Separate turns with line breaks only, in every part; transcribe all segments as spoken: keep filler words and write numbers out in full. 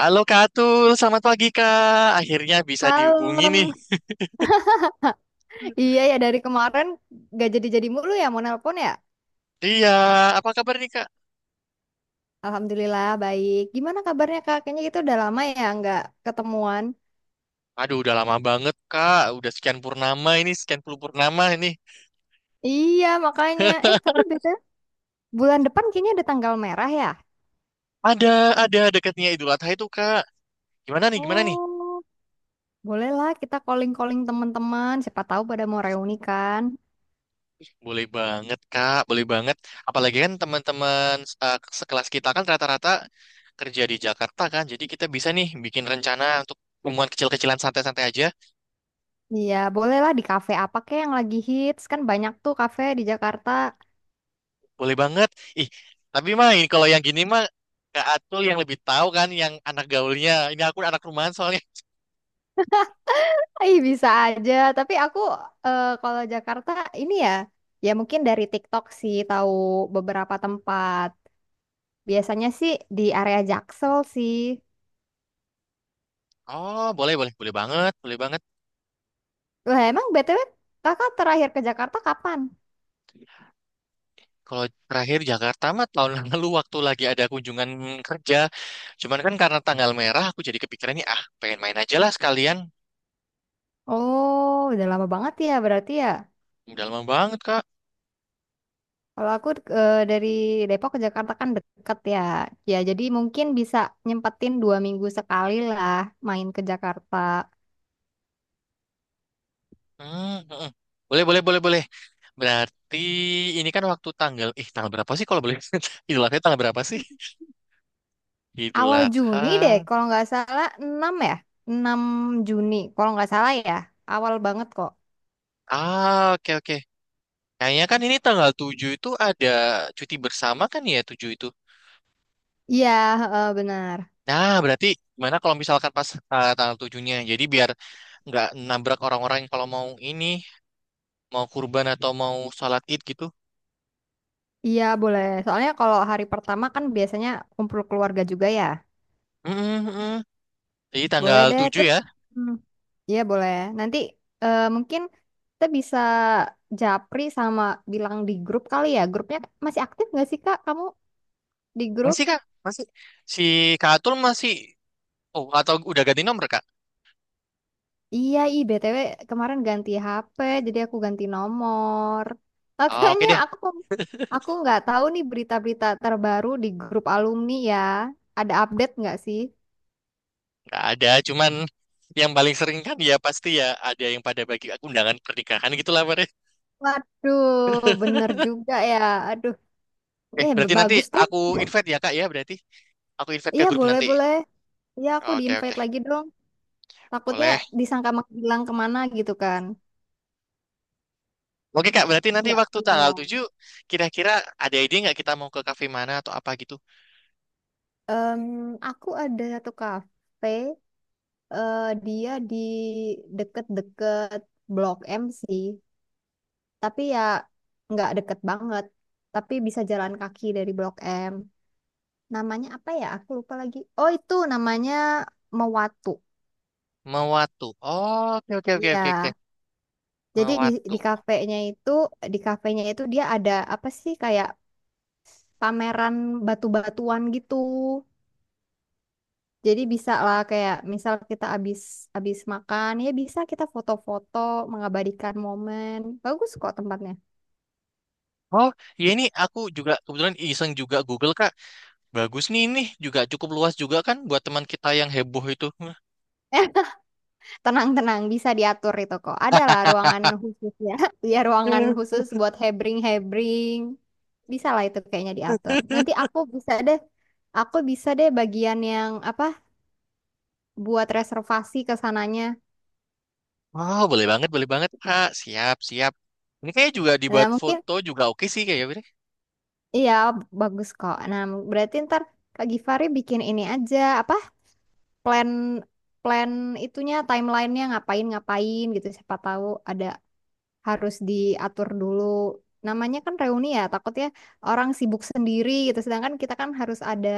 Halo Kak Atul, selamat pagi Kak. Akhirnya bisa dihubungi nih.
Halo. Iya ya dari kemarin gak jadi-jadi mulu ya mau nelpon ya.
Iya, apa kabar nih Kak?
Alhamdulillah baik. Gimana kabarnya Kak? Kayaknya kita udah lama ya nggak ketemuan.
Aduh, udah lama banget Kak. Udah sekian purnama ini, sekian puluh purnama ini.
Iya makanya. Eh tapi beda bulan depan kayaknya ada tanggal merah ya.
Ada, ada dekatnya Idul Adha itu Kak. Gimana nih, gimana nih?
Oh, bolehlah kita calling-calling teman-teman. Siapa tahu pada mau reuni kan.
Boleh banget Kak, boleh banget. Apalagi kan teman-teman eh, sekelas kita kan rata-rata kerja di Jakarta kan. Jadi kita bisa nih bikin rencana untuk pertemuan kecil-kecilan santai-santai aja.
Iya bolehlah di kafe apa kek yang lagi hits kan banyak tuh kafe di Jakarta.
Boleh banget. Ih, tapi mah ini kalau yang gini mah Kak Atul yang lebih tahu kan yang anak gaulnya. Ini aku anak rumahan soalnya.
Ih, bisa aja. Tapi aku eh, kalau Jakarta ini ya, ya mungkin dari TikTok sih tahu beberapa tempat. Biasanya sih di area Jaksel sih.
Oh, boleh boleh boleh banget, boleh banget.
Wah, emang B T W kakak terakhir ke Jakarta kapan?
Kalau terakhir Jakarta mah tahun lalu waktu lagi ada kunjungan kerja. Cuman kan karena tanggal merah aku jadi kepikiran nih ah pengen main aja lah sekalian.
Oh, udah lama banget ya berarti ya.
Udah lama banget, Kak.
Kalau aku eh, dari Depok ke Jakarta kan deket ya. Ya, jadi mungkin bisa nyempetin dua minggu sekali lah main ke Jakarta.
Hmm, hmm, hmm. Boleh boleh boleh boleh. Berarti ini kan waktu tanggal eh tanggal berapa sih kalau boleh? Idul Adha tanggal berapa sih? Idul
Awal Juni deh,
Adha.
kalau nggak salah enam ya? enam Juni, kalau nggak salah ya. Awal banget kok.
Ah, oke oke. Kayaknya kan ini tanggal tujuh itu ada cuti bersama kan ya tujuh itu.
Iya, heeh, benar.
Nah, berarti gimana kalau misalkan pas eh, tanggal tujuhnya. Jadi biar nggak nabrak orang-orang yang kalau mau ini, mau kurban atau mau sholat id gitu.
Iya, boleh. Soalnya kalau hari pertama kan biasanya kumpul keluarga juga ya.
Mm, mm, mm. Jadi
Boleh
tanggal
deh,
tujuh
terus.
ya.
Hmm. Iya, boleh. Nanti eh, mungkin kita bisa japri sama bilang di grup kali ya. Grupnya masih aktif nggak sih, Kak? Kamu di grup?
Masih Kak? Masih. Si Kak Atul masih, oh atau udah ganti nomor Kak?
Iya, i B T W kemarin ganti H P, jadi aku ganti nomor.
Oke
Makanya
deh,
aku aku nggak tahu nih berita-berita terbaru di grup alumni ya. Ada update nggak sih?
nggak ada. Cuman yang paling sering kan ya pasti ya ada yang pada bagi aku undangan pernikahan gitu lah Pak.
Waduh, bener juga ya. Aduh,
Eh,
eh b-
berarti nanti
bagus deh.
aku invite ya Kak ya berarti. Aku invite ke
Iya,
grup
boleh
nanti.
boleh. Iya, aku
Oke, oke.
di-invite lagi dong. Takutnya
Boleh.
disangka menghilang kemana gitu kan?
Oke, Kak. Berarti nanti
Nggak
waktu
pernah
tanggal
nong.
tujuh, kira-kira ada ide nggak kita mau ke kafe mana atau apa gitu?
Em, Aku ada satu kafe, eh, dia di deket-deket Blok M sih. Tapi ya nggak deket banget, tapi bisa jalan kaki dari Blok M. Namanya apa ya, aku lupa lagi. Oh, itu namanya Mewatu
Mewatu. Oh, oke, oke, oke, oke, oke.
ya. Jadi di
Mewatu.
di kafenya itu di kafenya itu dia ada apa sih, kayak pameran batu-batuan gitu. Jadi bisa lah, kayak misal kita abis abis makan ya, bisa kita foto-foto mengabadikan momen. Bagus kok tempatnya.
Oh, ya ini aku juga kebetulan iseng juga Google, Kak. Bagus nih ini. Juga cukup luas juga kan buat teman kita yang heboh itu.
Tenang-tenang, bisa diatur itu kok. Adalah ruangan khusus ya. Ya, ruangan khusus buat hebring-hebring. Bisa lah itu kayaknya diatur. Nanti aku bisa deh, aku bisa deh bagian yang apa, buat reservasi ke sananya.
Wow, boleh banget, boleh banget, Kak. Siap, siap. Ini kayaknya juga
Nah,
dibuat
mungkin
foto juga oke sih kayaknya. Bre.
iya bagus kok. Nah, berarti ntar Kak Givari bikin ini aja, apa, plan plan itunya, timelinenya ngapain-ngapain gitu. Siapa tahu ada harus diatur dulu. Namanya kan reuni ya, takutnya orang sibuk sendiri gitu. Sedangkan kita kan harus ada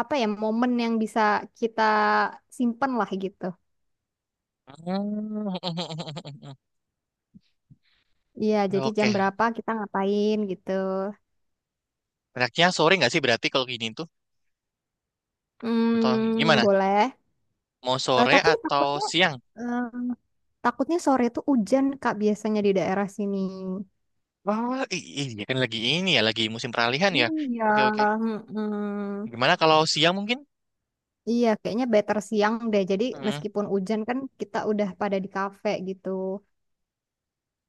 apa ya momen yang bisa kita simpen lah gitu.
Hmm.
Iya, jadi jam
Oke.
berapa kita ngapain gitu.
Enaknya sore nggak sih berarti kalau gini tuh? Atau
Hmm,
gimana?
boleh.
Mau
Eh,
sore
tapi
atau
takutnya
siang?
eh, takutnya sore tuh hujan Kak biasanya di daerah sini.
Wah, i- iya kan lagi ini ya, lagi musim peralihan ya.
Iya,
Oke, oke.
mm-mm.
Gimana kalau siang mungkin?
Iya, kayaknya better siang deh. Jadi
Hmm.
meskipun hujan kan kita udah pada di kafe gitu.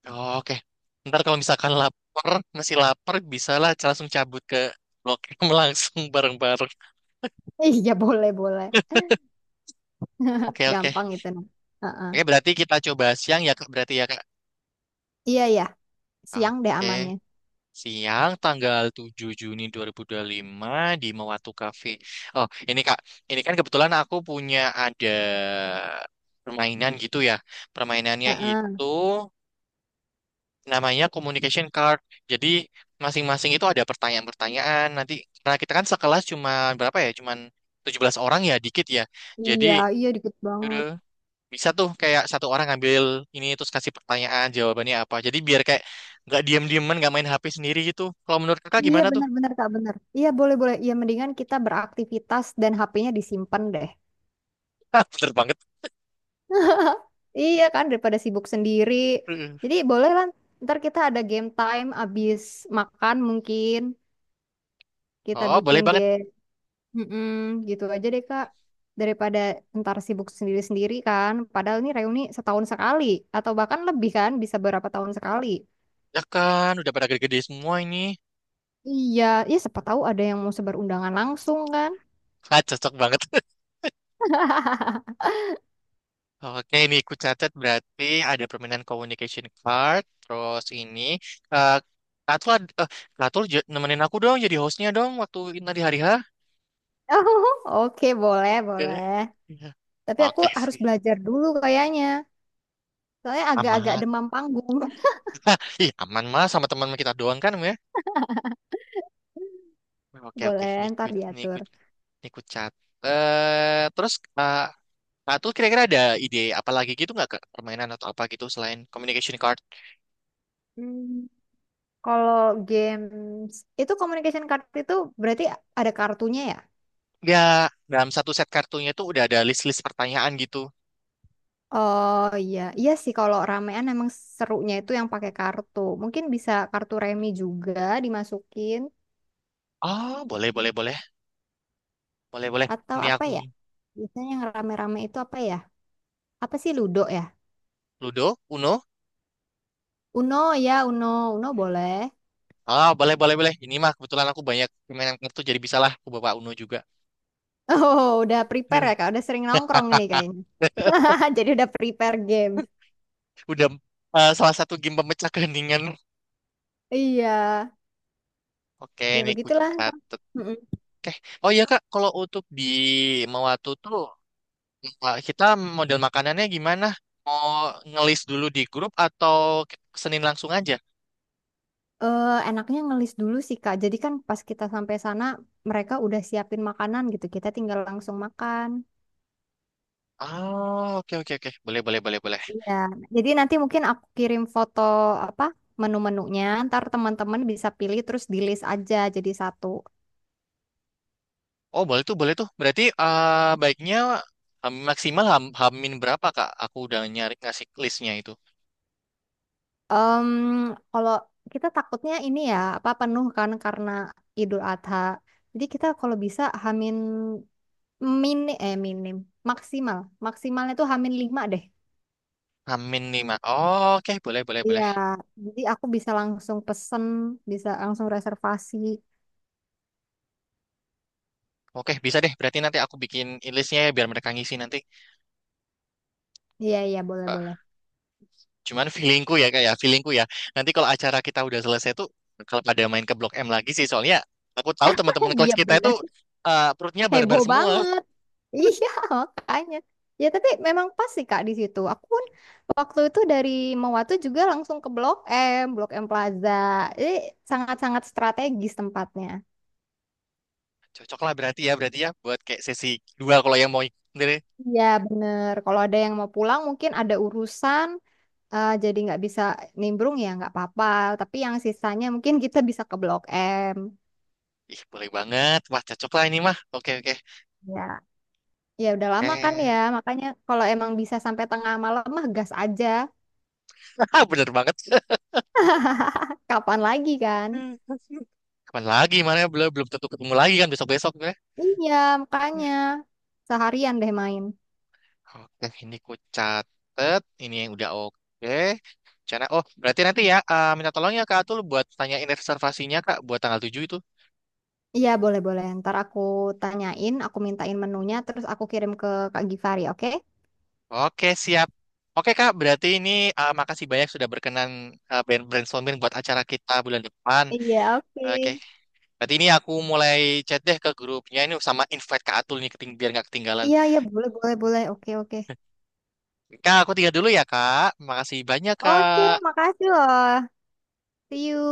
Oh, oke. Ntar kalau misalkan lapar, masih lapar, bisalah langsung cabut ke Blok M langsung bareng-bareng.
Iya boleh boleh.
Oke, oke.
Gampang itu. Nah. Heeh.
Oke, berarti kita coba siang ya, Kak. Berarti ya, Kak.
Iya ya, siang deh
Oke.
amannya.
Siang tanggal tujuh Juni dua dua ribu dua puluh lima di Mewatu Cafe. Oh, ini Kak, ini kan kebetulan aku punya ada permainan gitu ya. Permainannya
Heeh.
itu namanya communication card. Jadi masing-masing itu ada pertanyaan-pertanyaan. Nanti karena kita kan sekelas cuma berapa ya? Cuman tujuh belas orang ya, dikit ya. Jadi
Iya, iya dikit
udah
banget.
bisa tuh kayak satu orang ngambil ini terus kasih pertanyaan jawabannya apa. Jadi biar kayak nggak diem-dieman, nggak main H P sendiri gitu. Kalau menurut Kakak
Iya
gimana tuh?
benar-benar Kak benar. Iya boleh-boleh. Iya mendingan kita beraktivitas dan H P-nya disimpan deh.
Hah, bener banget.
Iya kan daripada sibuk sendiri.
Uh,
Jadi boleh lah. Ntar kita ada game time abis makan, mungkin kita
Oh, boleh
bikin
banget.
game. Mm-mm, gitu aja deh Kak. Daripada ntar sibuk sendiri-sendiri kan. Padahal ini reuni setahun sekali. Atau bahkan lebih kan. Bisa berapa tahun sekali.
Ya kan, udah pada gede-gede semua ini.
Iya, ya siapa tahu ada yang mau sebar undangan langsung kan.
Ah, cocok banget. Oke, ini ku catat berarti ada permainan communication card. Terus ini, eh Katul, ad- eh, Katul j- nemenin aku dong jadi hostnya dong waktu nanti hari H.
Oh, Oke, boleh,
Eh,
boleh.
iya.
Tapi aku
Oke
harus
sih,
belajar dulu kayaknya. Soalnya agak-agak
aman.
demam panggung.
Hah, ih, aman mah sama teman kita doang kan, ya. Oke, oke.
Boleh,
Ini ku,
ntar
ini ku,
diatur.
ini ku catat. Terus, eh, nah, terus kira-kira ada ide apa lagi gitu nggak ke permainan atau apa gitu selain communication card?
Hmm, kalau games itu communication card itu berarti ada kartunya ya?
Ya, dalam satu set kartunya itu udah ada list-list pertanyaan gitu.
Oh iya, iya sih kalau ramean emang serunya itu yang pakai kartu. Mungkin bisa kartu remi juga dimasukin
Ah, boleh, boleh, boleh. Boleh, boleh.
atau
Ini
apa
aku
ya? Biasanya yang rame-rame itu apa ya? Apa sih Ludo ya?
Ludo, Uno.
Uno ya, Uno, Uno boleh.
Ah, boleh, boleh, boleh. Ini mah kebetulan aku banyak permainan kartu jadi bisalah aku bawa Uno juga.
Oh, udah prepare ya Kak, udah sering nongkrong ini kayaknya. Jadi udah prepare game.
Udah eh, salah satu game pemecah keheningan.
Iya,
Oke,
ya
ini ku
begitulah.
catet.
Mm-mm.
Oke. Oh iya Kak, kalau untuk di Mawatu tuh wah, kita model makanannya gimana? Mau ngelis dulu di grup atau ke- Senin langsung aja?
Eh, enaknya ngelis dulu sih Kak. Jadi kan pas kita sampai sana mereka udah siapin makanan gitu. Kita tinggal langsung makan.
Oh, oke oke oke. Boleh boleh boleh boleh.
Iya, jadi nanti mungkin aku kirim foto apa menu-menunya, ntar teman-teman bisa pilih terus di list aja jadi satu.
Oh, boleh tuh, boleh tuh. Berarti eh, baiknya eh, maksimal ham, hamin berapa, Kak? Aku udah nyari ngasih listnya itu.
Em, kalau kita takutnya ini ya apa penuh kan karena Idul Adha. Jadi kita kalau bisa hamin mini eh minim maksimal maksimalnya tuh hamin lima deh.
Hamin lima, oh oke, boleh boleh
Iya,
boleh.
jadi aku bisa langsung pesen, bisa langsung reservasi.
Oke, bisa deh. Berarti nanti aku bikin listnya ya biar mereka ngisi nanti.
Iya iya boleh boleh.
Cuman feelingku ya kayak feelingku ya. Nanti kalau acara kita udah selesai tuh kalau pada main ke Blok M lagi sih soalnya aku tahu teman-teman kelas
Iya
kita itu
bener.
eh, perutnya barbar
Heboh
semua.
banget. Iya, makanya. Ya, tapi memang pas sih, Kak, di situ. Aku pun waktu itu dari Mawatu juga langsung ke Blok M, Blok M Plaza. Jadi sangat-sangat strategis tempatnya.
Cocok lah berarti ya berarti ya buat kayak sesi dua kalau yang mau sendiri.
Iya, bener. Kalau ada yang mau pulang mungkin ada urusan, eh, jadi nggak bisa nimbrung ya nggak apa-apa. Tapi yang sisanya mungkin kita bisa ke Blok M.
Ih, boleh banget. Wah, cocok lah ini mah. Oke, oke.
Ya. Ya udah lama kan ya,
Eh,
makanya kalau emang bisa sampai tengah malam mah gas aja.
bener banget.
Kapan lagi kan?
Kapan lagi mana belum belum tentu ketemu lagi kan besok-besok gue.
Iya,
Ya,
makanya seharian deh main.
oke, ini ku catet. Ini yang udah oke. Rencana. Oh, berarti nanti ya eh, minta tolong ya Kak Atul buat tanyain reservasinya Kak buat tanggal tujuh itu.
Iya, boleh-boleh. Ntar aku tanyain, aku mintain menunya, terus aku kirim ke Kak Givari, oke?
Oke, siap. Oke, Kak, berarti ini uh, makasih banyak sudah berkenan uh, brain- brainstorming buat acara kita bulan depan.
Iya, oke.
Oke, berarti ini aku mulai chat deh ke grupnya ini sama invite Kak Atul nih keting biar nggak ketinggalan.
Iya, iya, boleh, boleh, boleh. Oke, oke.
Kak, aku tinggal dulu ya, Kak. Makasih banyak,
Oke,
Kak.
makasih loh. See you.